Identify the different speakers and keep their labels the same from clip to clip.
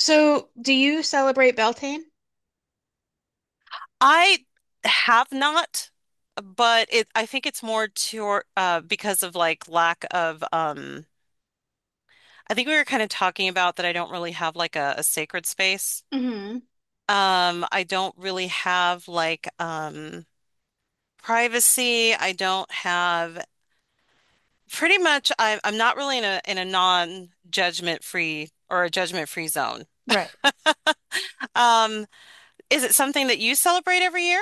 Speaker 1: So, do you celebrate Beltane?
Speaker 2: I have not, but it I think it's more to because of like lack of I think we were kind of talking about that. I don't really have like a sacred space.
Speaker 1: Hmm.
Speaker 2: I don't really have like privacy. I don't have pretty much I'm not really in a non-judgment free or a judgment free zone.
Speaker 1: Right.
Speaker 2: Um Is it something that you celebrate every year?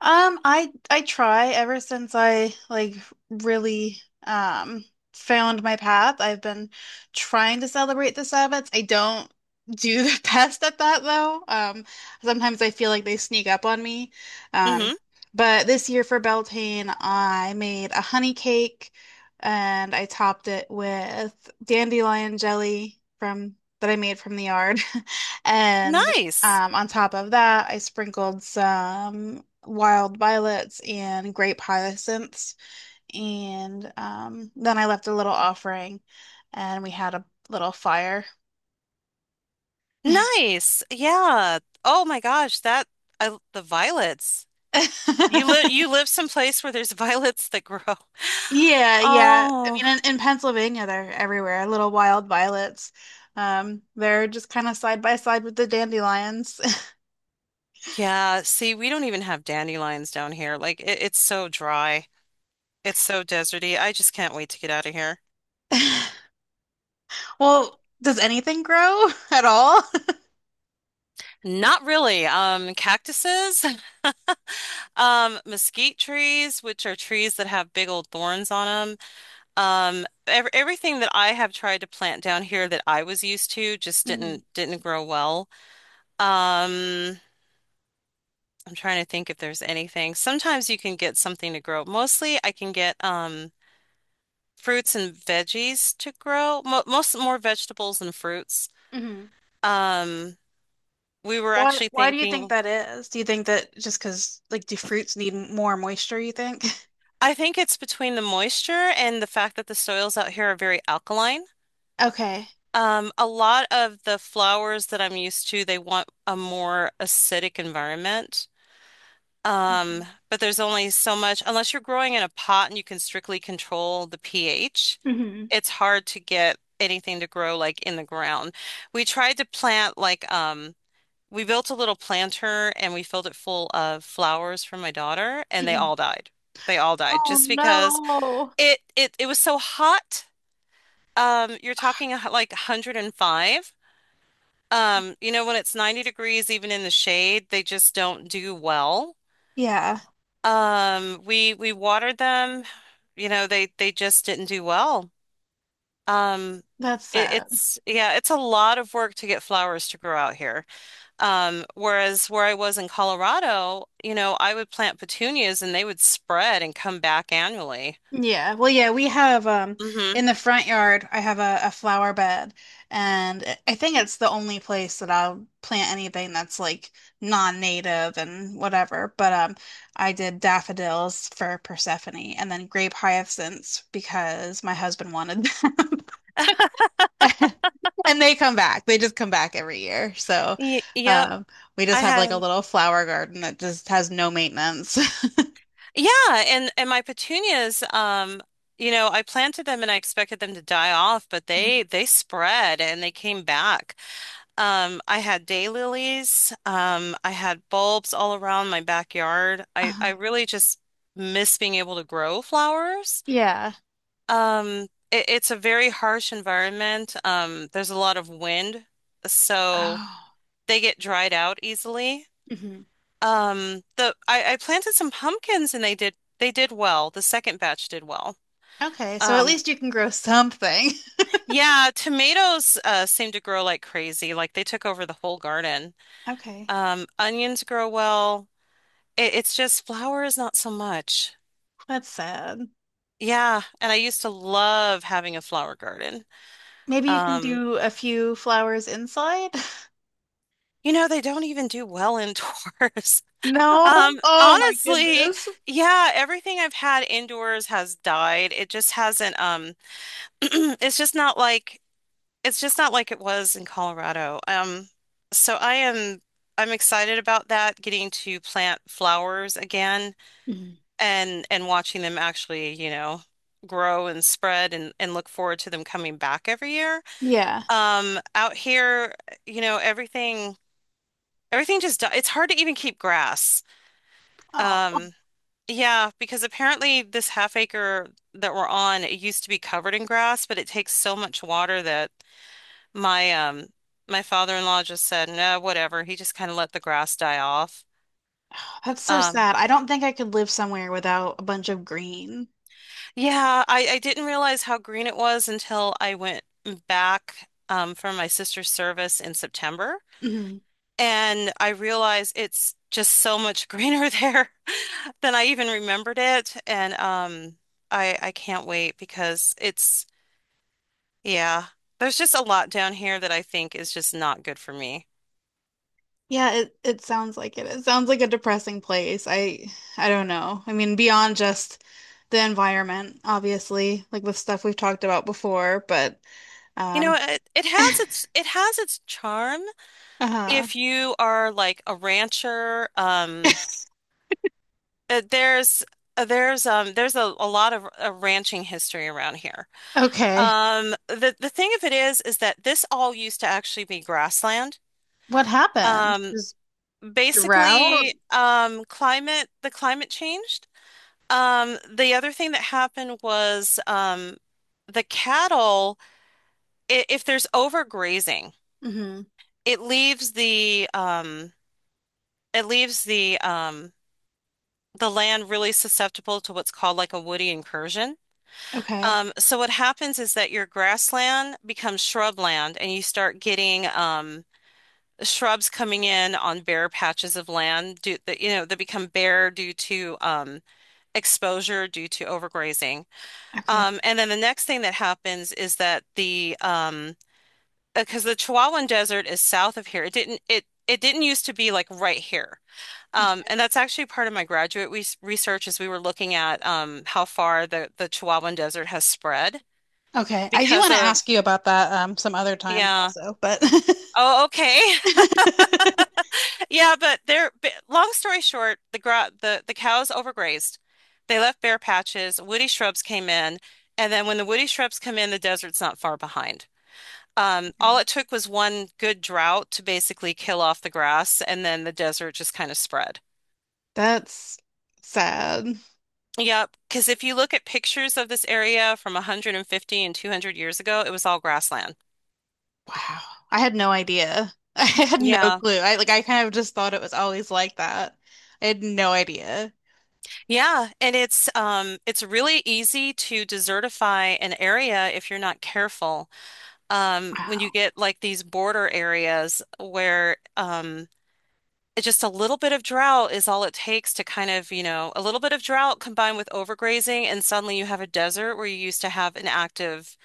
Speaker 1: I try ever since I like really um found my path. I've been trying to celebrate the Sabbats. I don't do the best at that though. Sometimes I feel like they sneak up on me. Um,
Speaker 2: Hmm.
Speaker 1: but this year for Beltane, I made a honey cake and I topped it with dandelion jelly from that I made from the yard. And
Speaker 2: Nice.
Speaker 1: On top of that, I sprinkled some wild violets and grape hyacinths, and then I left a little offering, and we had a little fire.
Speaker 2: Nice. Yeah. Oh my gosh, that I the violets. You live you live someplace where there's violets that grow.
Speaker 1: Yeah, yeah. I mean,
Speaker 2: Oh.
Speaker 1: in Pennsylvania, they're everywhere. Little wild violets. They're just kind of side by side with the dandelions.
Speaker 2: Yeah, see, we don't even have dandelions down here. Like it's so dry. It's so deserty. I just can't wait to get out of here.
Speaker 1: Well, does anything grow at all?
Speaker 2: Not really. Cactuses, mesquite trees, which are trees that have big old thorns on them. Ev everything that I have tried to plant down here that I was used to just
Speaker 1: Mhm,
Speaker 2: didn't grow well. Um, I'm trying to think if there's anything. Sometimes you can get something to grow. Mostly, I can get fruits and veggies to grow. Mo most more vegetables than fruits.
Speaker 1: mhm.
Speaker 2: Um, we were
Speaker 1: Why
Speaker 2: actually
Speaker 1: why do you think
Speaker 2: thinking.
Speaker 1: that is? Do you think that just because, like, do fruits need more moisture, you think?
Speaker 2: I think it's between the moisture and the fact that the soils out here are very alkaline.
Speaker 1: Okay.
Speaker 2: A lot of the flowers that I'm used to, they want a more acidic environment.
Speaker 1: Okay.
Speaker 2: Um, but there's only so much, unless you're growing in a pot and you can strictly control the pH,
Speaker 1: Hmm.
Speaker 2: it's hard to get anything to grow like in the ground. We tried to plant we built a little planter and we filled it full of flowers for my daughter, and they
Speaker 1: Hmm.
Speaker 2: all died. They all died
Speaker 1: Oh
Speaker 2: just because.
Speaker 1: no.
Speaker 2: It was so hot. You're talking like 105. You know, when it's 90 degrees, even in the shade, they just don't do well.
Speaker 1: Yeah,
Speaker 2: We watered them, you know, they just didn't do well. Um,
Speaker 1: that's sad.
Speaker 2: it's yeah, it's a lot of work to get flowers to grow out here. Whereas where I was in Colorado, you know, I would plant petunias and they would spread and come back annually.
Speaker 1: Yeah. Well, yeah, we have
Speaker 2: Mm-hmm.
Speaker 1: in the front yard, I have a flower bed and I think it's the only place that I'll plant anything that's like non-native and whatever. But I did daffodils for Persephone and then grape hyacinths because my husband wanted them. And they come back. They just come back every year. So,
Speaker 2: Y yep,
Speaker 1: um, we just
Speaker 2: I
Speaker 1: have like
Speaker 2: had.
Speaker 1: a little flower garden that just has no maintenance.
Speaker 2: Yeah, and my petunias, you know, I planted them and I expected them to die off, but they spread and they came back. I had daylilies, I had bulbs all around my backyard. I
Speaker 1: Uh,
Speaker 2: really just miss being able to grow flowers.
Speaker 1: yeah.
Speaker 2: It's a very harsh environment. There's a lot of wind, so
Speaker 1: Oh.
Speaker 2: they get dried out easily.
Speaker 1: Hmm.
Speaker 2: I planted some pumpkins and they did well. The second batch did well.
Speaker 1: Okay. So at
Speaker 2: Um,
Speaker 1: least you can grow something.
Speaker 2: yeah, tomatoes seem to grow like crazy. Like they took over the whole garden.
Speaker 1: Okay.
Speaker 2: Onions grow well. It's just flowers not so much.
Speaker 1: That's sad.
Speaker 2: Yeah, and I used to love having a flower garden.
Speaker 1: Maybe you can
Speaker 2: Um,
Speaker 1: do a few flowers inside.
Speaker 2: you know, they don't even do well indoors.
Speaker 1: No. Oh my
Speaker 2: Honestly,
Speaker 1: goodness.
Speaker 2: yeah, everything I've had indoors has died. It just hasn't it's just not like it's just not like it was in Colorado. So I'm excited about that, getting to plant flowers again
Speaker 1: Mhm.
Speaker 2: and watching them actually, you know, grow and spread and look forward to them coming back every year.
Speaker 1: Yeah.
Speaker 2: Out here, you know, everything just it's hard to even keep grass.
Speaker 1: Oh,
Speaker 2: Um, yeah, because apparently this half acre that we're on, it used to be covered in grass, but it takes so much water that my my father-in-law just said, "No, whatever." He just kind of let the grass die off.
Speaker 1: that's so
Speaker 2: Um
Speaker 1: sad. I don't think I could live somewhere without a bunch of green.
Speaker 2: yeah, I didn't realize how green it was until I went back for my sister's service in September,
Speaker 1: Mhm.
Speaker 2: and I realized it's just so much greener there than I even remembered it, and I can't wait because yeah, there's just a lot down here that I think is just not good for me.
Speaker 1: Yeah, it sounds like it. It sounds like a depressing place. I don't know. I mean, beyond just the environment, obviously, like with stuff we've talked about before, but
Speaker 2: You know,
Speaker 1: um
Speaker 2: it has its charm
Speaker 1: uh
Speaker 2: if you are like a rancher, uh, there's there's a lot of ranching history around here.
Speaker 1: okay.
Speaker 2: The thing of it is that this all used to actually be grassland.
Speaker 1: What happened?
Speaker 2: Um,
Speaker 1: Just drought?
Speaker 2: basically, climate the climate changed. The other thing that happened was the cattle. If there's overgrazing,
Speaker 1: Hmm.
Speaker 2: it leaves it leaves the um the land really susceptible to what's called like a woody incursion.
Speaker 1: Okay.
Speaker 2: So what happens is that your grassland becomes shrubland, and you start getting shrubs coming in on bare patches of that you know that become bare due to exposure due to overgrazing.
Speaker 1: Okay.
Speaker 2: And then the next thing that happens is that the because the Chihuahuan Desert is south of here. It didn't used to be like right here.
Speaker 1: Okay.
Speaker 2: And that's actually part of my graduate research is we were looking at how far the Chihuahuan Desert has spread
Speaker 1: Okay. I do
Speaker 2: because
Speaker 1: want to ask you about that some other time
Speaker 2: yeah.
Speaker 1: also, but
Speaker 2: Oh, okay. Yeah, but long story short, the cows overgrazed. They left bare patches, woody shrubs came in, and then when the woody shrubs come in, the desert's not far behind.
Speaker 1: okay.
Speaker 2: All it took was one good drought to basically kill off the grass, and then the desert just kind of spread.
Speaker 1: That's sad.
Speaker 2: Yep, because if you look at pictures of this area from 150 and 200 years ago, it was all grassland.
Speaker 1: Wow. I had no idea. I had no
Speaker 2: Yeah.
Speaker 1: clue. I like I kind of just thought it was always like that. I had no idea.
Speaker 2: Yeah, and it's really easy to desertify an area if you're not careful. When you
Speaker 1: Wow.
Speaker 2: get like these border areas where just a little bit of drought is all it takes to kind of, you know, a little bit of drought combined with overgrazing and suddenly you have a desert where you used to have an active,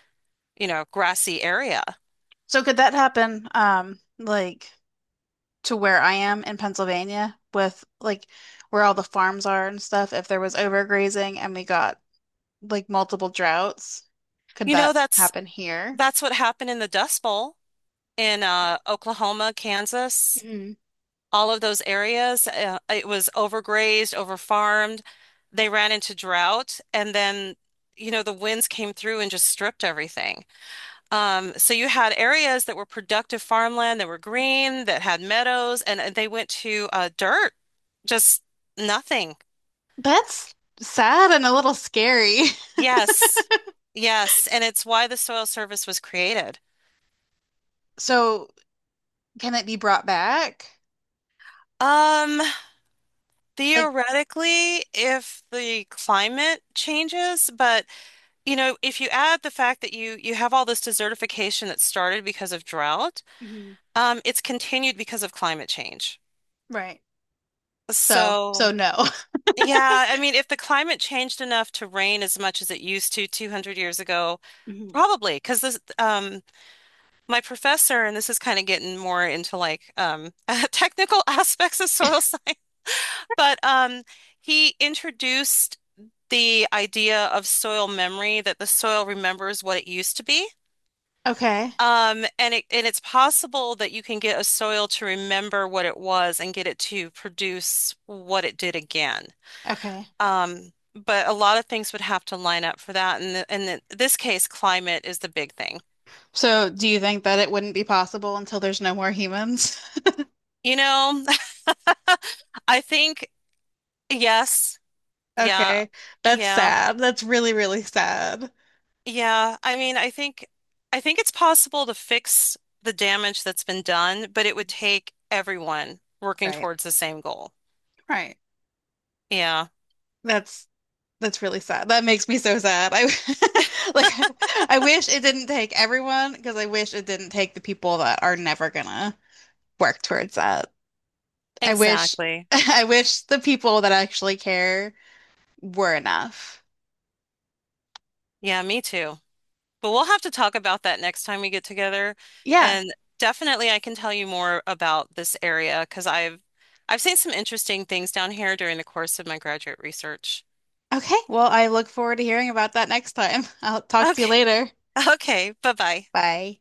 Speaker 2: you know, grassy area.
Speaker 1: So could that happen, like to where I am in Pennsylvania with like where all the farms are and stuff, if there was overgrazing and we got like multiple droughts, could
Speaker 2: You know,
Speaker 1: that happen here?
Speaker 2: that's what happened in the Dust Bowl in Oklahoma, Kansas,
Speaker 1: Mhm.
Speaker 2: all of those areas. It was overgrazed, overfarmed. They ran into drought, and then you know the winds came through and just stripped everything. So you had areas that were productive farmland that were green, that had meadows, and they went to dirt, just nothing.
Speaker 1: That's sad and a little scary.
Speaker 2: Yes, yes, and it's why the soil service was created.
Speaker 1: So can it be brought back?
Speaker 2: Um,
Speaker 1: Like,
Speaker 2: Theoretically, if the climate changes, but you know, if you add the fact that you have all this desertification that started because of drought,
Speaker 1: mhm,
Speaker 2: it's continued because of climate change.
Speaker 1: right. So, so
Speaker 2: So,
Speaker 1: no.
Speaker 2: yeah, I mean, if the climate changed enough to rain as much as it used to 200 years ago,
Speaker 1: Mhm.
Speaker 2: probably because this my professor, and this is kind of getting more into like technical aspects of soil science, but he introduced the idea of soil memory, that the soil remembers what it used to be.
Speaker 1: Okay.
Speaker 2: And it's possible that you can get a soil to remember what it was and get it to produce what it did again.
Speaker 1: Okay.
Speaker 2: But a lot of things would have to line up for that. And in this case, climate is the big thing.
Speaker 1: So do you think that it wouldn't be possible until there's no more humans?
Speaker 2: You know, I think yes, yeah,
Speaker 1: Okay. That's
Speaker 2: yeah.
Speaker 1: sad. That's really, really sad.
Speaker 2: Yeah, I mean, I think it's possible to fix the damage that's been done, but it would take everyone working
Speaker 1: Right.
Speaker 2: towards the same goal.
Speaker 1: Right.
Speaker 2: Yeah,
Speaker 1: That's that's really sad. That makes me so sad. I like I wish it didn't take everyone because I wish it didn't take the people that are never gonna work towards that. I wish
Speaker 2: exactly.
Speaker 1: I wish the people that actually care were enough.
Speaker 2: Yeah, me too. But we'll have to talk about that next time we get together.
Speaker 1: Yeah.
Speaker 2: And definitely I can tell you more about this area because I've seen some interesting things down here during the course of my graduate research.
Speaker 1: Okay, well, I look forward to hearing about that next time. I'll talk to you
Speaker 2: Okay.
Speaker 1: later.
Speaker 2: Okay. Bye-bye.
Speaker 1: Bye.